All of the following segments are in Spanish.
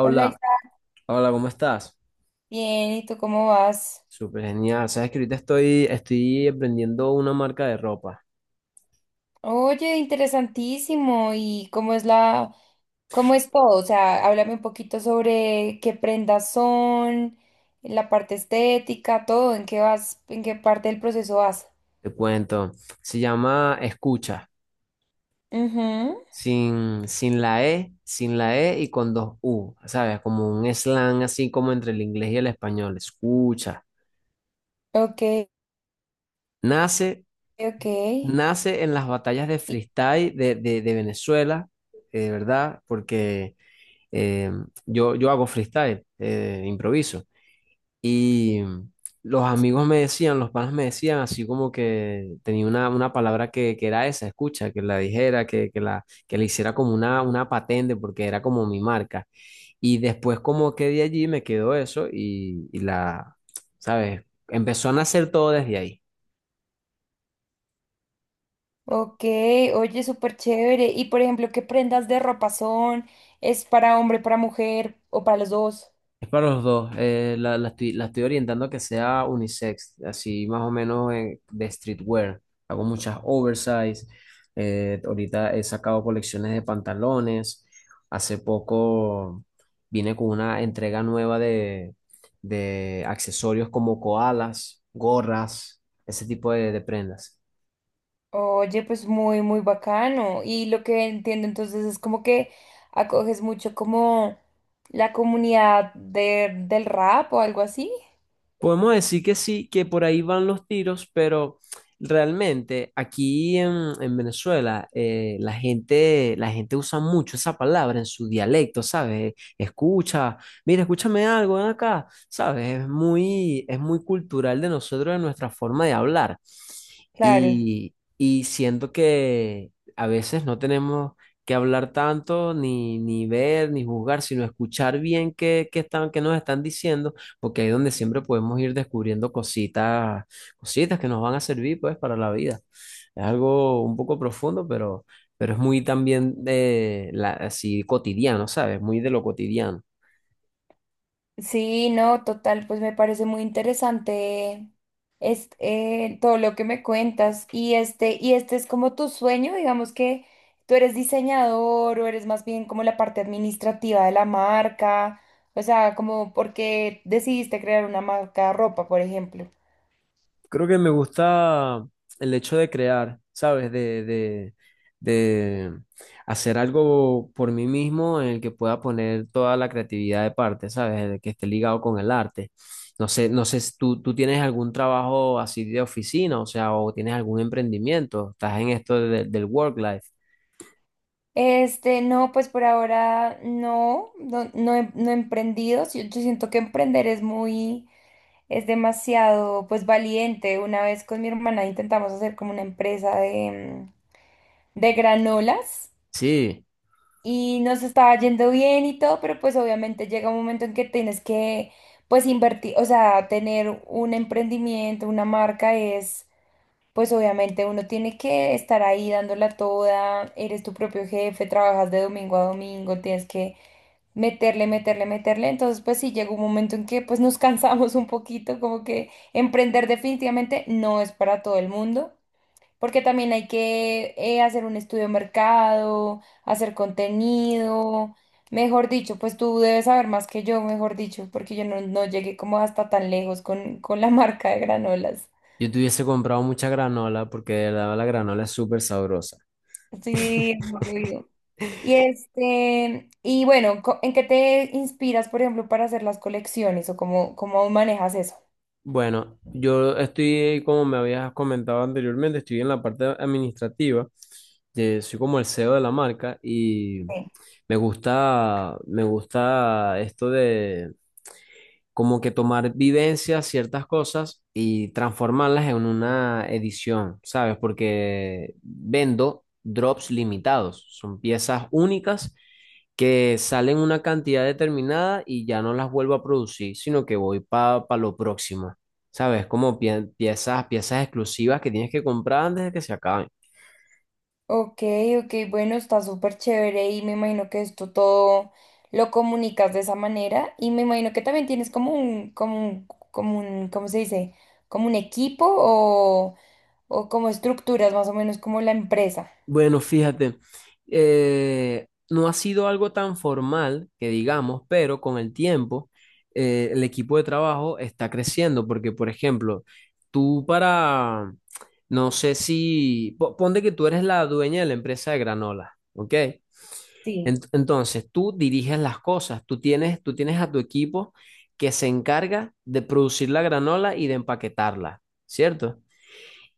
Hola, Isa. hola, ¿cómo estás? Bien, ¿y tú cómo vas? Súper genial. Sabes que ahorita estoy aprendiendo una marca de ropa. Oye, interesantísimo. ¿Y cómo es cómo es todo? O sea, háblame un poquito sobre qué prendas son, la parte estética, todo, en qué vas, en qué parte del proceso vas. Te cuento. Se llama Escucha. Ujú. Sin la E, sin la E y con dos U. ¿Sabes? Como un slang así como entre el inglés y el español. Escucha. Ok, Nace, ok. Nace en las batallas de y- freestyle de Venezuela, ¿verdad? Porque eh, yo hago freestyle, improviso. Y los amigos me decían, los panas me decían, así como que tenía una palabra que era esa, escucha, que la dijera, que le hiciera como una patente, porque era como mi marca. Y después como que de allí me quedó eso y, ¿sabes? Empezó a nacer todo desde ahí. Ok, oye, súper chévere. Y por ejemplo, ¿qué prendas de ropa son? ¿Es para hombre, para mujer o para los dos? Es para los dos. La la estoy orientando a que sea unisex, así más o menos de streetwear. Hago muchas oversize. Eh, ahorita he sacado colecciones de pantalones. Hace poco vine con una entrega nueva de accesorios como koalas, gorras, ese tipo de prendas. Oye, pues muy, muy bacano. Y lo que entiendo entonces es como que acoges mucho como la comunidad del rap o algo así. Podemos decir que sí, que por ahí van los tiros, pero realmente en Venezuela, la gente usa mucho esa palabra en su dialecto, ¿sabes? Escucha, mira, escúchame algo, ven acá, ¿sabes? Es muy cultural de nosotros, de nuestra forma de hablar. Claro. Y siento que a veces no tenemos que hablar tanto, ni ver, ni juzgar, sino escuchar bien qué qué nos están diciendo, porque ahí es donde siempre podemos ir descubriendo cositas, cositas que nos van a servir pues para la vida. Es algo un poco profundo, pero es muy también de la, así cotidiano, ¿sabes? Muy de lo cotidiano. Sí, no, total, pues me parece muy interesante todo lo que me cuentas. Y este es como tu sueño, digamos que tú eres diseñador o eres más bien como la parte administrativa de la marca. O sea, como porque decidiste crear una marca de ropa, por ejemplo. Creo que me gusta el hecho de crear, ¿sabes? De hacer algo por mí mismo en el que pueda poner toda la creatividad de parte, ¿sabes? De que esté ligado con el arte. No sé, no sé si tú tienes algún trabajo así de oficina, o sea, o tienes algún emprendimiento, estás en esto de- del work life. Este, no, pues por ahora no no he emprendido. Sí, yo siento que emprender es es demasiado, pues valiente. Una vez con mi hermana intentamos hacer como una empresa de, mm, de granolas Sí, y nos estaba yendo bien y todo, pero pues obviamente llega un momento en que tienes que, pues invertir, o sea, tener un emprendimiento, una marca es pues obviamente uno tiene que estar ahí dándola toda, eres tu propio jefe, trabajas de domingo a domingo, tienes que meterle. Entonces, pues sí, llegó un momento en que pues nos cansamos un poquito, como que emprender definitivamente no es para todo el mundo, porque también hay que hacer un estudio de mercado, hacer contenido, mejor dicho, pues tú debes saber más que yo, mejor dicho, porque yo no llegué como hasta tan lejos con la marca de granolas. yo te hubiese comprado mucha granola porque la granola es súper sabrosa. Sí, y este, y bueno, ¿en qué te inspiras, por ejemplo, para hacer las colecciones o cómo manejas eso? Bueno, yo estoy, como me habías comentado anteriormente, estoy en la parte administrativa, soy como el CEO de la marca y Sí. Me gusta esto como que tomar vivencias, ciertas cosas y transformarlas en una edición, ¿sabes? Porque vendo drops limitados, son piezas únicas que salen una cantidad determinada y ya no las vuelvo a producir, sino que voy para lo próximo, ¿sabes? Como pie- piezas, piezas exclusivas que tienes que comprar antes de que se acaben. Ok, ok, bueno, está súper chévere y me imagino que esto todo lo comunicas de esa manera y me imagino que también tienes como ¿cómo se dice? Como un equipo o como estructuras más o menos como la empresa. Bueno, fíjate, no ha sido algo tan formal que digamos, pero con el tiempo el equipo de trabajo está creciendo porque, por ejemplo, tú para, no sé si, po- ponte que tú eres la dueña de la empresa de granola, ¿ok? Ent- Sí. entonces, tú diriges las cosas, tú tienes a tu equipo que se encarga de producir la granola y de empaquetarla, ¿cierto?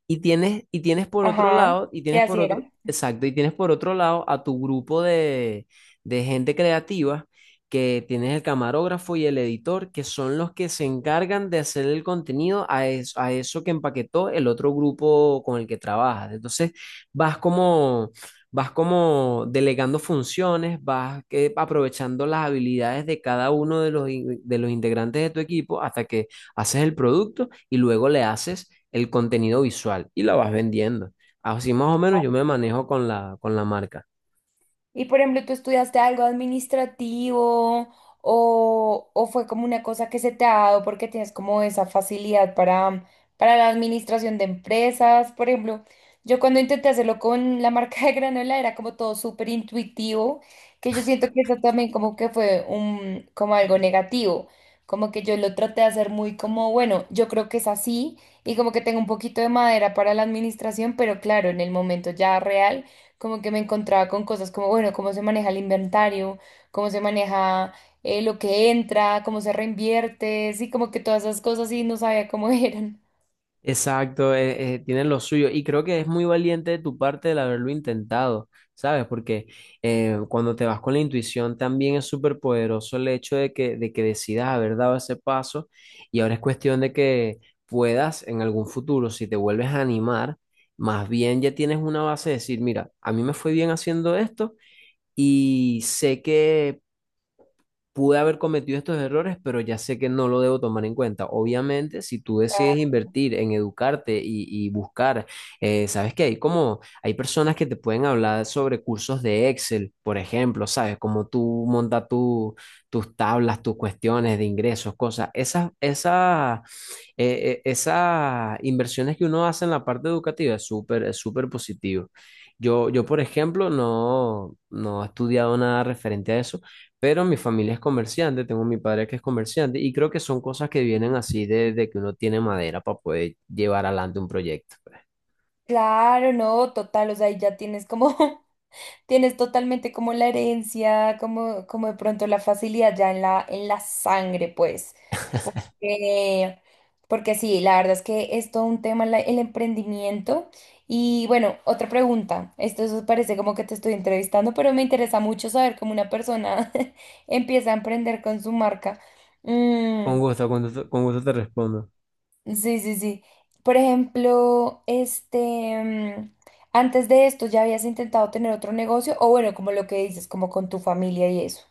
Y tienes por otro Ajá, lado, y sí, tienes por así otro, era. exacto, Y tienes por otro lado a tu grupo de gente creativa, que tienes el camarógrafo y el editor, que son los que se encargan de hacer el contenido a, es- a eso que empaquetó el otro grupo con el que trabajas. Entonces, vas como, vas como delegando funciones, vas aprovechando las habilidades de cada uno de los, in- de los integrantes de tu equipo hasta que haces el producto y luego le haces el contenido visual y lo vas vendiendo. Así más o menos yo me manejo con la marca. Y por ejemplo, ¿tú estudiaste algo administrativo o fue como una cosa que se te ha dado porque tienes como esa facilidad para la administración de empresas? Por ejemplo, yo cuando intenté hacerlo con la marca de granola era como todo súper intuitivo, que yo siento que eso también como que fue un, como algo negativo, como que yo lo traté de hacer muy como, bueno, yo creo que es así y como que tengo un poquito de madera para la administración, pero claro, en el momento ya real como que me encontraba con cosas como, bueno, cómo se maneja el inventario, cómo se maneja lo que entra, cómo se reinvierte, sí, como que todas esas cosas y no sabía cómo eran. Exacto, tienen lo suyo y creo que es muy valiente de tu parte el haberlo intentado, ¿sabes? Porque cuando te vas con la intuición también es súper poderoso el hecho de que decidas haber dado ese paso y ahora es cuestión de que puedas en algún futuro, si te vuelves a animar, más bien ya tienes una base de decir, mira, a mí me fue bien haciendo esto y sé que pude haber cometido estos errores, pero ya sé que no lo debo tomar en cuenta. Obviamente, si tú decides Ah. invertir en educarte y buscar, sabes que hay como, hay personas que te pueden hablar sobre cursos de Excel, por ejemplo, sabes, como tú montas tu, tus tablas, tus cuestiones de ingresos, cosas. Esas esas inversiones que uno hace en la parte educativa es súper positivo. Yo, por ejemplo, no, no he estudiado nada referente a eso, pero mi familia es comerciante, tengo mi padre que es comerciante y creo que son cosas que vienen así de que uno tiene madera para poder llevar adelante un proyecto, pues. Claro, no, total, o sea, ahí ya tienes como tienes totalmente como la herencia, como, como de pronto la facilidad ya en la sangre, pues. Porque, porque sí, la verdad es que es todo un tema el emprendimiento. Y bueno, otra pregunta. Esto eso parece como que te estoy entrevistando, pero me interesa mucho saber cómo una persona empieza a emprender con su marca. Mm. Con gusto, con gusto, con gusto te respondo. Sí, sí, sí. Por ejemplo, este, mm, antes de esto ya habías intentado tener otro negocio, o bueno, como lo que dices, como con tu familia y eso.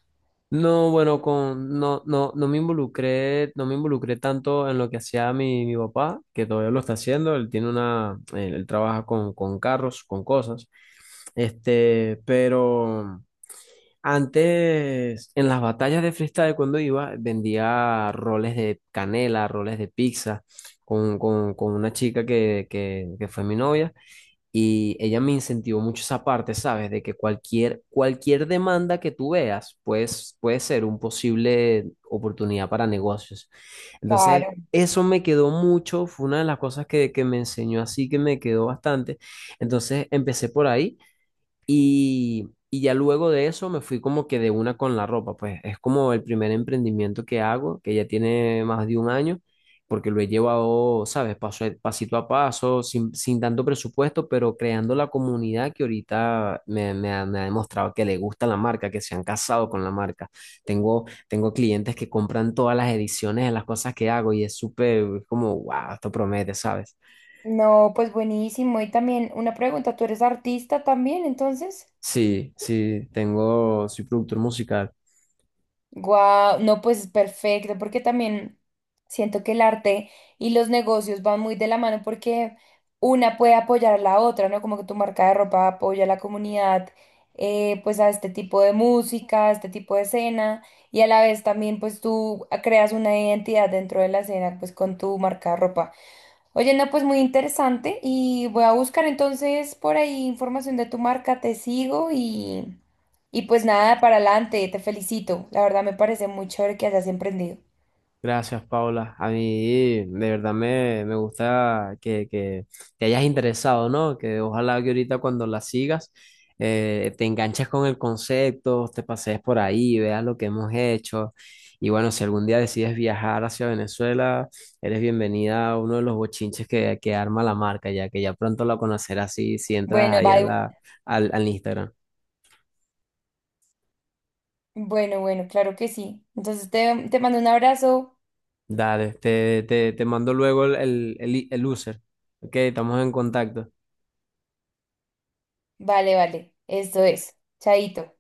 No, bueno, con, no, no, no me involucré, no me involucré tanto en lo que hacía mi papá, que todavía lo está haciendo, él tiene una, él trabaja con carros, con cosas, este, pero antes, en las batallas de freestyle cuando iba, vendía roles de canela, roles de pizza, con una chica que fue mi novia, y ella me incentivó mucho esa parte, ¿sabes? De que cualquier demanda que tú veas, pues, puede ser un posible oportunidad para negocios. Entonces, Claro. eso me quedó mucho, fue una de las cosas que me enseñó así, que me quedó bastante. Entonces, empecé por ahí. Y ya luego de eso me fui como que de una con la ropa, pues es como el primer emprendimiento que hago, que ya tiene más de un año, porque lo he llevado, ¿sabes? Paso, a- pasito a paso, sin tanto presupuesto, pero creando la comunidad que ahorita me ha demostrado que le gusta la marca, que se han casado con la marca. Tengo clientes que compran todas las ediciones de las cosas que hago y es súper como, wow, esto promete, ¿sabes? No, pues buenísimo. Y también una pregunta, ¿tú eres artista también, entonces? Sí, sí, tengo, soy productor musical. Guau, no, pues es perfecto, porque también siento que el arte y los negocios van muy de la mano porque una puede apoyar a la otra, ¿no? Como que tu marca de ropa apoya a la comunidad, pues a este tipo de música, a este tipo de escena, y a la vez también pues tú creas una identidad dentro de la escena, pues con tu marca de ropa. Oye, no, pues muy interesante y voy a buscar entonces por ahí información de tu marca, te sigo y pues nada, para adelante, te felicito. La verdad me parece muy chévere que hayas emprendido. Gracias, Paula. A mí de verdad me gusta que te hayas interesado, ¿no? Que ojalá que ahorita cuando la sigas, te enganches con el concepto, te pasees por ahí, veas lo que hemos hecho. Y bueno, si algún día decides viajar hacia Venezuela, eres bienvenida a uno de los bochinches que arma la marca, ya que ya pronto la conocerás si, si entras Bueno, ahí a bye. la, al, al Instagram. Bueno, bueno, claro que sí. Entonces te mando un abrazo. Dale, te mando luego el user. Ok, estamos en contacto. Vale, vale, esto es. Chaito.